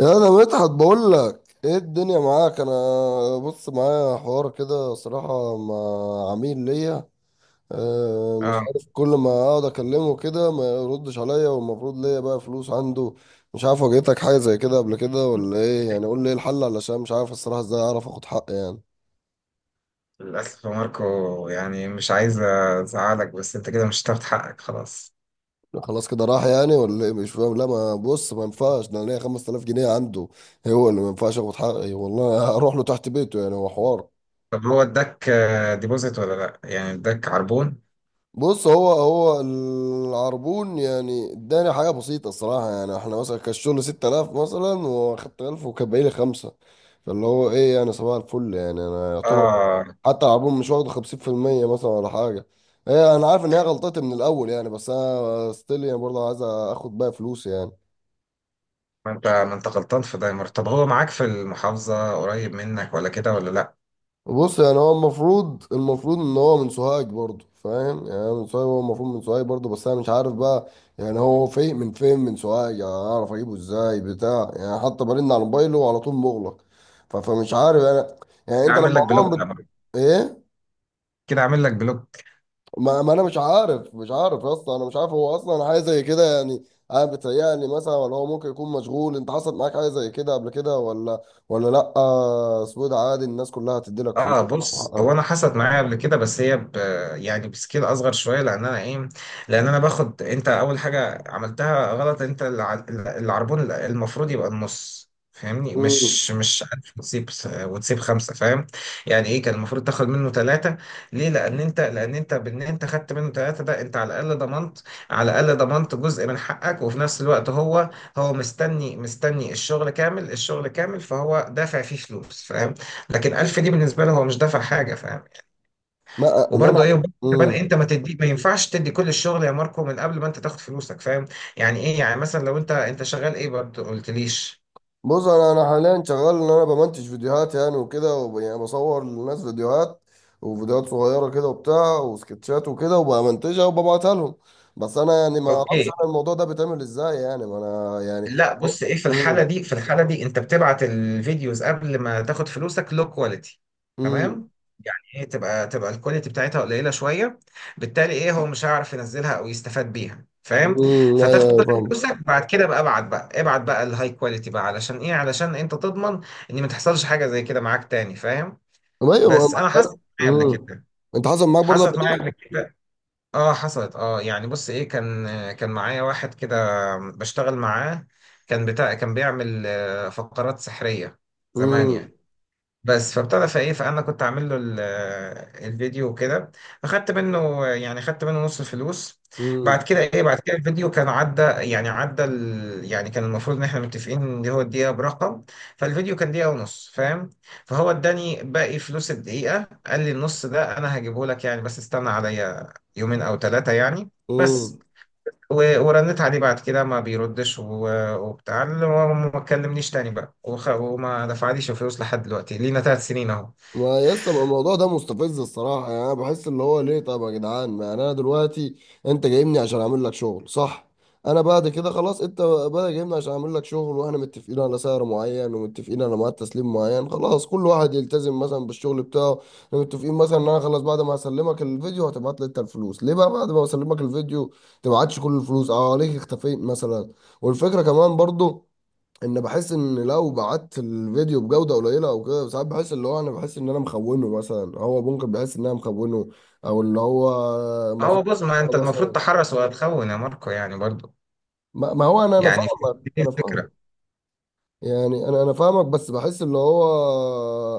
يا انا مدحت بقول لك ايه الدنيا معاك انا. بص معايا حوار كده صراحة مع عميل ليا. مش اه، عارف، كل ما اقعد اكلمه كده ما يردش عليا، والمفروض ليا بقى فلوس عنده. مش عارف، واجهتك حاجة زي كده قبل كده ولا ايه؟ يعني قول لي ايه الحل، علشان مش عارف الصراحة ازاي اعرف اخد حقي يعني. للأسف يا ماركو. يعني مش عايز أزعلك، بس أنت كده مش هتاخد حقك خلاص. خلاص كده راح يعني ولا ايه؟ مش فاهم. لا ما بص، ما ينفعش ده، انا ليا 5000 جنيه عنده. هو اللي ما ينفعش اخد حقي والله، هروح له تحت بيته يعني، هو حوار. طب هو اداك ديبوزيت ولا لأ؟ يعني اداك عربون؟ بص، هو العربون يعني اداني حاجه بسيطه الصراحه، يعني احنا مثلا كان الشغل 6000 مثلا، واخدت 1000 وكان باقي لي خمسه. فاللي هو ايه يعني، صباح الفل يعني، انا يعتبر اه، حتى العربون مش واخد 50% مثلا ولا حاجه. ايه، انا عارف ان هي غلطتي من الاول يعني، بس انا ستيل يعني برضه عايز اخد بقى فلوس يعني. ما أنت غلطان في ده يا ماركو. طب هو معاك في المحافظة، قريب منك، ولا كده ولا لأ؟ بص يعني هو المفروض ان هو من سوهاج برضه، فاهم يعني؟ أنا من سوهاج، هو المفروض من سوهاج برضه، بس انا مش عارف بقى. يعني هو فين، من فين من سوهاج يعني؟ اعرف اجيبه ازاي بتاع يعني؟ حتى برن على موبايله وعلى طول مغلق. فمش عارف انا. يعني كده انت لما عامل لك بلوك عموما يا ماركو. ايه كده عامل لك بلوك. ما انا مش عارف يا اسطى، انا مش عارف هو اصلا حاجه زي كده يعني. انا بتهيألي مثلا ولا هو ممكن يكون مشغول، انت حصلت معاك حاجه زي كده قبل كده ولا لا؟ اسود عادي، الناس كلها هتدي لك اه، فلوس بص، هو انا حصلت معايا قبل كده، بس هي يعني بسكيل اصغر شويه، لان انا ايه، لان انا باخد. انت اول حاجه عملتها غلط، انت العربون المفروض يبقى النص، فاهمني؟ وحقك. مش عارف، وتسيب خمسه، فاهم؟ يعني ايه، كان المفروض تاخد منه ثلاثه. ليه؟ لان انت خدت منه ثلاثه، ده انت على الاقل ضمنت، جزء من حقك، وفي نفس الوقت هو مستني الشغل كامل، فهو دافع فيه فلوس، فاهم؟ لكن 1000 دي بالنسبه له هو مش دافع حاجه، فاهم؟ ما انا. وبرضه ايه، وبرضه امم. بدأ انت ما ينفعش تدي كل الشغل يا ماركو من قبل ما انت تاخد فلوسك، فاهم؟ يعني ايه، يعني مثلا لو انت شغال ايه برضه، قلتليش؟ بص انا حاليا شغال ان انا بمنتج فيديوهات يعني وكده يعني بصور للناس فيديوهات، وفيديوهات صغيره كده وبتاع وسكتشات وكده وبمنتجها وببعتها لهم. بس انا يعني ما اعرفش اوكي. انا الموضوع ده بيتعمل ازاي يعني، ما انا يعني. لا، بص ايه، في الحاله امم، دي، انت بتبعت الفيديوز قبل ما تاخد فلوسك، لو كواليتي، امم، تمام؟ يعني ايه، تبقى الكواليتي بتاعتها قليله شويه، بالتالي ايه، هو مش هيعرف ينزلها او يستفاد بيها، فاهم؟ امم، ايوه، فتاخد أيوة، كل فاهم. فلوسك بعد كده. بقى ابعت بقى ابعت بقى الهاي كواليتي بقى، علشان ايه، علشان انت تضمن ان ما تحصلش حاجه زي كده معاك تاني، فاهم؟ طب ايوه ما. بس انا حصلت معايا قبل امم. كده. انت حصل معاك برضه قبل حصلت معايا كده. قبل كده اه حصلت. اه يعني بص ايه، كان معايا واحد كده بشتغل معاه. كان بيعمل فقرات سحرية زمان امم، يعني. بس فابتدى فايه فانا كنت عامل له الفيديو وكده. اخدت منه، يعني اخدت منه نص الفلوس. امم، بعد كده الفيديو كان عدى، يعني يعني كان المفروض ان احنا متفقين ان هو الدقيقه برقم. فالفيديو كان دقيقه ونص، فاهم؟ فهو اداني باقي فلوس الدقيقه. قال لي النص ده انا هجيبه لك يعني، بس استنى عليا يومين او ثلاثه يعني. بس امم. ورنت عليه بعد كده، ما بيردش، و- وبتاع وما ما كلمنيش تاني بقى، وما دفعليش فلوس لحد دلوقتي. لينا 3 سنين اهو. ما يا اسطى الموضوع ده مستفز الصراحة، يعني أنا بحس اللي هو ليه؟ طب يا جدعان ما يعني، أنا دلوقتي، أنت جايبني عشان أعمل لك شغل، صح؟ أنا بعد كده خلاص، أنت بقى جايبني عشان أعمل لك شغل، وإحنا متفقين على سعر معين ومتفقين على ميعاد تسليم معين، خلاص كل واحد يلتزم مثلا بالشغل بتاعه. إحنا متفقين مثلا إن أنا خلاص بعد ما هسلمك الفيديو هتبعت لي أنت الفلوس، ليه بقى بعد ما أسلمك الفيديو تبعتش كل الفلوس؟ ليه اختفيت مثلا؟ والفكرة كمان برضو ان بحس ان لو بعت الفيديو بجوده قليله او كده، ساعات بحس اللي هو انا بحس ان انا مخونه مثلا، هو ممكن بحس ان انا مخونه. او اللي هو ما فيش هو بص، ما انت المفروض مثلا. تحرس وهتخون يا ماركو يعني برضو. ما هو انا انا يعني فاهمك، دي انا فاهم. الفكرة. يعني انا انا فاهمك، بس بحس اللي هو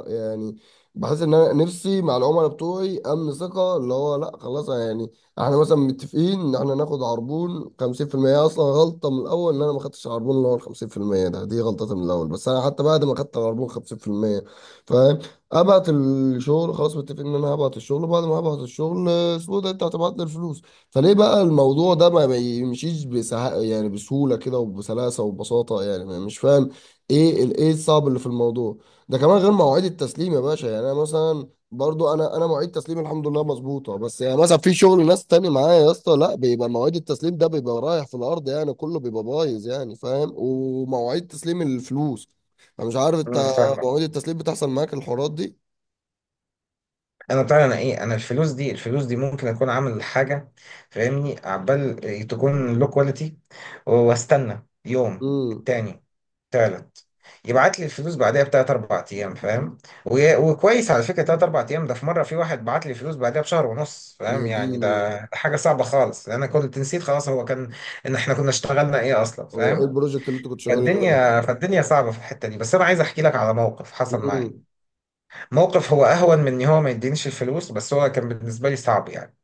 يعني. بحس ان انا نفسي مع العملاء بتوعي امن ثقه، اللي هو لا خلاص يعني. احنا مثلا متفقين ان احنا ناخد عربون 50% اصلا، غلطه من الاول ان انا ما خدتش عربون اللي هو ال 50% ده، دي غلطتي من الاول، بس انا حتى بعد ما خدت العربون 50% فاهم، ابعت الشغل، خلاص متفقين ان انا هبعت الشغل، وبعد ما هبعت الشغل اسمه ده انت هتبعت لي الفلوس. فليه بقى الموضوع ده ما بيمشيش يعني بسهولة كده وبسلاسة وببساطة يعني؟ مش فاهم. ايه الصعب اللي في الموضوع ده؟ كمان غير مواعيد التسليم يا باشا، يعني انا مثلا برضو انا، انا مواعيد تسليمي الحمد لله مظبوطه، بس يعني مثلا في شغل ناس تاني معايا يا اسطى، لا بيبقى مواعيد التسليم ده بيبقى رايح في الارض يعني، كله بيبقى بايظ يعني فاهم، ومواعيد تسليم الفلوس انا مش عارف. انت فاهمك. مواعيد التسليم بتحصل معاك الحوارات دي؟ انا بتاع انا ايه انا الفلوس دي ممكن اكون عامل حاجة، فاهمني، عبال تكون لو كواليتي، واستنى يوم امم. التاني، تالت، يبعت لي الفلوس بعدها بتلات أربع أيام، فاهم؟ وكويس على فكرة، تلات أربع أيام ده. في مرة في واحد بعت لي الفلوس بعدها بشهر ونص، فاهم؟ يا يعني ديني. ده حاجة صعبة خالص، لأن أنا كنت نسيت خلاص هو كان إن إحنا كنا اشتغلنا إيه أصلا، هو ايه فاهم؟ البروجكت اللي انت كنت شغال عليه؟ فالدنيا صعبة في الحتة دي. بس أنا عايز أحكي لك على موقف حصل معايا. امم، موقف هو أهون من إن هو ما يدينيش الفلوس، بس هو كان بالنسبة لي صعب يعني.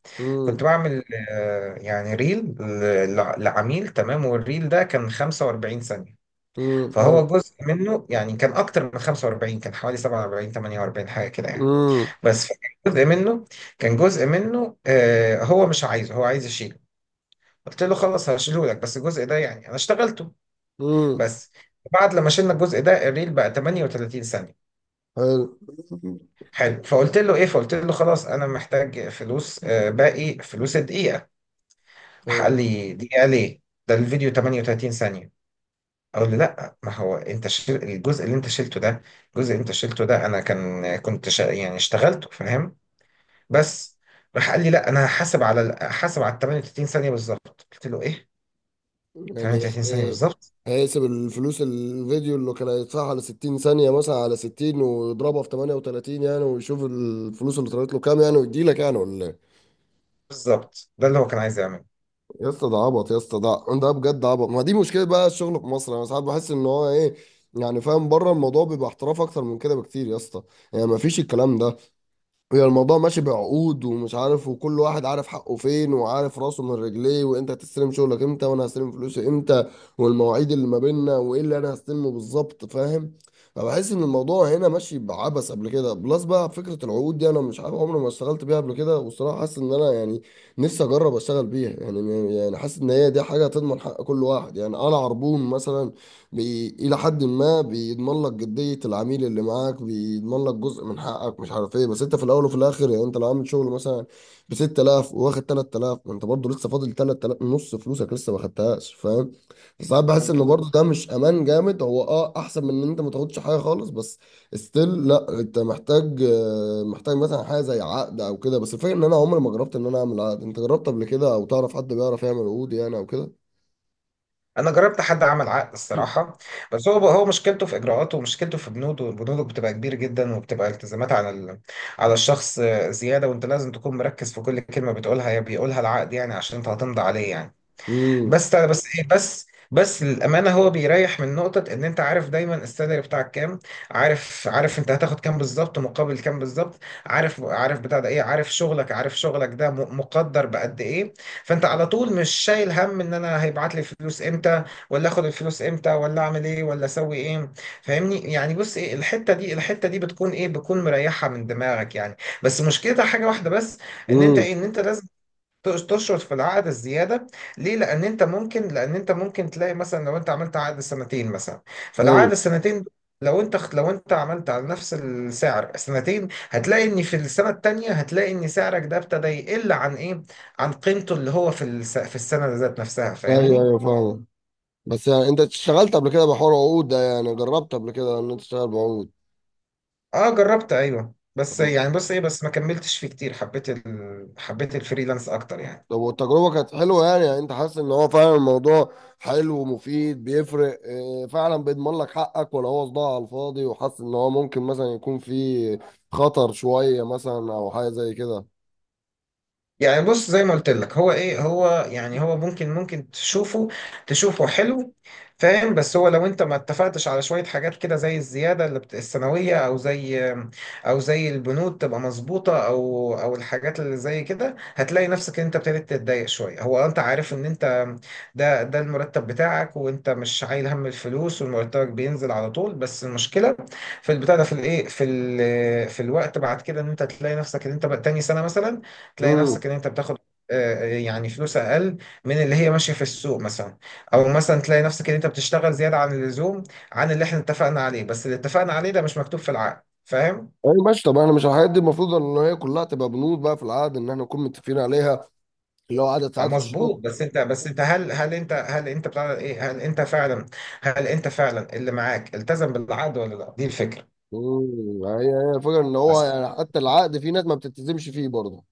كنت امم، بعمل يعني ريل لعميل، تمام؟ والريل ده كان 45 ثانية. امم، فهو حلو، جزء منه يعني كان اكتر من 45، كان حوالي 47 48 حاجه كده يعني. امم، بس كان جزء منه، هو مش عايزه، هو عايز يشيله. قلت له خلاص هشيله لك، بس الجزء ده يعني انا اشتغلته. امم، بس بعد لما شلنا الجزء ده، الريل بقى 38 ثانيه. حلو. حلو. فقلت له خلاص، انا محتاج فلوس، باقي فلوس الدقيقه. راح قال حلو. لي دقيقه ليه؟ ده الفيديو 38 ثانيه. اقول له لا، ما هو انت شيل الجزء اللي انت شلته ده، الجزء اللي انت شلته ده انا يعني اشتغلته، فاهم؟ بس راح قال لي لا، انا هحاسب على هحاسب على ال 38 ثانيه بالظبط. قلت له ايه؟ يعني 38 ثانيه ايه؟ بالظبط؟ هيقسم الفلوس الفيديو اللي كان هيدفعها على 60 ثانية مثلا، على 60 ويضربها في 38 يعني، ويشوف الفلوس اللي طلعت له كام يعني، ويديلك يعني ولا ايه؟ بالظبط ده اللي هو كان عايز يعمله. يا اسطى ده عبط يا اسطى، ده ده بجد عبط، ما دي مشكلة بقى الشغل في مصر، انا ساعات بحس ان هو ايه، يعني فاهم، بره الموضوع بيبقى احتراف اكتر من كده بكتير يا اسطى، يعني ما فيش الكلام ده. هي الموضوع ماشي بعقود ومش عارف، وكل واحد عارف حقه فين وعارف راسه من رجليه، وانت هتستلم شغلك امتى وانا هستلم فلوسي امتى، والمواعيد اللي ما بيننا، وايه اللي انا هستلمه بالظبط فاهم. فبحس ان الموضوع هنا ماشي بعبث. قبل كده بلس بقى فكرة العقود دي، انا مش عارف، عمري ما اشتغلت بيها قبل كده، والصراحة حاسس ان انا يعني نفسي اجرب اشتغل بيها يعني، يعني حاسس ان هي دي حاجة تضمن حق كل واحد، يعني انا عربون مثلا إلى حد ما بيضمن لك جدية العميل اللي معاك، بيضمن لك جزء من حقك، مش عارف إيه، بس أنت في الأول وفي الآخر يعني أنت لو عامل شغل مثلا ب 6000 وواخد 3000، ما أنت برضه لسه فاضل 3000 نص فلوسك لسه ما خدتهاش فاهم. فساعات بحس إن برضه مظبوط. ده مش أمان جامد، هو أه أحسن من إن أنت ما تاخدش حاجة خالص، بس ستيل لا، أنت محتاج محتاج مثلا حاجة زي عقد أو كده. بس الفكرة إن أنا عمري ما جربت إن أنا أعمل عقد، أنت جربت قبل كده أو تعرف حد بيعرف يعمل عقود يعني أو كده؟ انا جربت حد عمل عقد الصراحه، بس هو مشكلته في اجراءاته، ومشكلته في بنوده. بتبقى كبير جدا، وبتبقى التزامات على على الشخص زياده. وانت لازم تكون مركز في كل كلمه بتقولها يا بيقولها العقد، يعني عشان انت هتمضي عليه يعني. امم، بس بس للامانه، هو بيريح من نقطه ان انت عارف دايما السالري بتاعك كام، عارف انت هتاخد كام بالظبط مقابل كام بالظبط، عارف عارف بتاع ده ايه عارف شغلك عارف شغلك ده مقدر بقد ايه. فانت على طول مش شايل هم ان انا هيبعت لي فلوس امتى، ولا اخد الفلوس امتى، ولا اعمل ايه، ولا اسوي ايه، فاهمني؟ يعني بص ايه، الحته دي، بتكون مريحه من دماغك يعني. بس مشكلتها حاجه واحده بس، ان انت لازم تشرط في العقد الزياده. ليه؟ لان انت ممكن تلاقي مثلا لو انت عملت عقد سنتين مثلا. امم، فالعقد السنتين دول، لو انت عملت على نفس السعر سنتين، هتلاقي ان في السنه التانيه، هتلاقي ان سعرك ده ابتدى يقل عن ايه، عن قيمته اللي هو في في السنه ذات نفسها، ايوه، فاهمني؟ ايوه، فاهم. بس يعني انت اشتغلت قبل كده بحوار عقود ده يعني؟ جربت قبل كده ان انت تشتغل بعقود؟ اه، جربت ايوه، بس طب، يعني بص ايه، بس ما كملتش فيه كتير، حبيت حبيت الفريلانس اكتر يعني. طب والتجربه كانت حلوه يعني, انت حاسس ان هو فعلا الموضوع حلو ومفيد بيفرق؟ اه، فعلا بيضمن لك حقك، ولا هو صداع على الفاضي وحاسس ان هو ممكن مثلا يكون فيه خطر شويه مثلا او حاجه زي كده؟ يعني بص، زي ما قلت لك، هو ايه، هو ممكن، تشوفه تشوفه حلو، فاهم؟ بس هو لو انت ما اتفقتش على شوية حاجات كده زي الزيادة السنوية، او زي البنود تبقى مظبوطة، او الحاجات اللي زي كده، هتلاقي نفسك ان انت ابتديت تتضايق شوية. هو انت عارف ان انت ده المرتب بتاعك، وانت مش شايل هم الفلوس، ومرتبك بينزل على طول. بس المشكلة في البتاع ده في الايه في ال... في الوقت بعد كده، ان انت تلاقي نفسك ان انت بقى تاني سنة مثلا، تلاقي امم. نفسك ان انت بتاخد يعني فلوس اقل من اللي هي ماشيه في السوق مثلا، او مثلا تلاقي نفسك ان انت بتشتغل زياده عن اللزوم، عن اللي احنا اتفقنا عليه، بس اللي اتفقنا عليه ده مش مكتوب في العقد، فاهم؟ ايوه ماشي. طب احنا مش الحاجات دي المفروض ان هي كلها تبقى بنود بقى في العقد ان احنا نكون متفقين عليها، اللي هو عدد ساعات مظبوط. الشغل؟ بس انت هل هل انت هل انت بتاع ايه هل انت فعلا، اللي معاك التزم بالعقد ولا لا؟ دي الفكره. مم. هي الفكره ان هو بس يعني، حتى العقد في ناس ما بتلتزمش فيه برضه.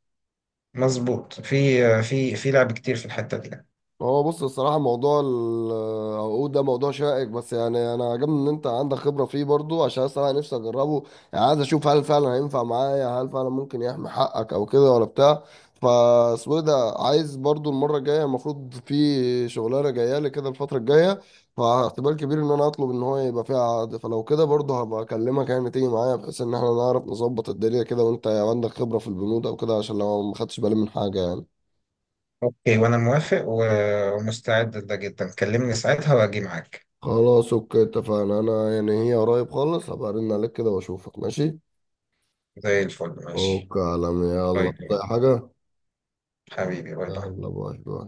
مظبوط، في لعب كتير في الحته دي. هو بص، الصراحة موضوع العقود ده موضوع شائك، بس يعني أنا عجبني إن أنت عندك خبرة فيه برضو، عشان الصراحة نفسي أجربه. يعني عايز أشوف هل فعلا هينفع معايا، هل فعلا ممكن يحمي حقك أو كده ولا بتاع. فاسمه إيه ده، عايز برضو المرة الجاية، المفروض في شغلانة جاية لي كده الفترة الجاية، فاحتمال كبير إن أنا أطلب إن هو يبقى فيها عقد، فلو كده برضو هبقى أكلمك يعني تيجي معايا، بحيث إن إحنا نعرف نظبط الدنيا كده، وأنت عندك خبرة في البنود أو كده، عشان لو ما خدتش بالي من حاجة يعني. اوكي، وانا موافق، ومستعد لده جدا. كلمني ساعتها واجي معاك. خلاص اوكي، اتفقنا. انا يعني هي قريب خالص، هبقى ارن عليك كده واشوفك ماشي. زي الفل، ماشي. اوكي يا عالمي، يلا طيب. زي حاجة. حبيبي، باي باي. يلا باي باي.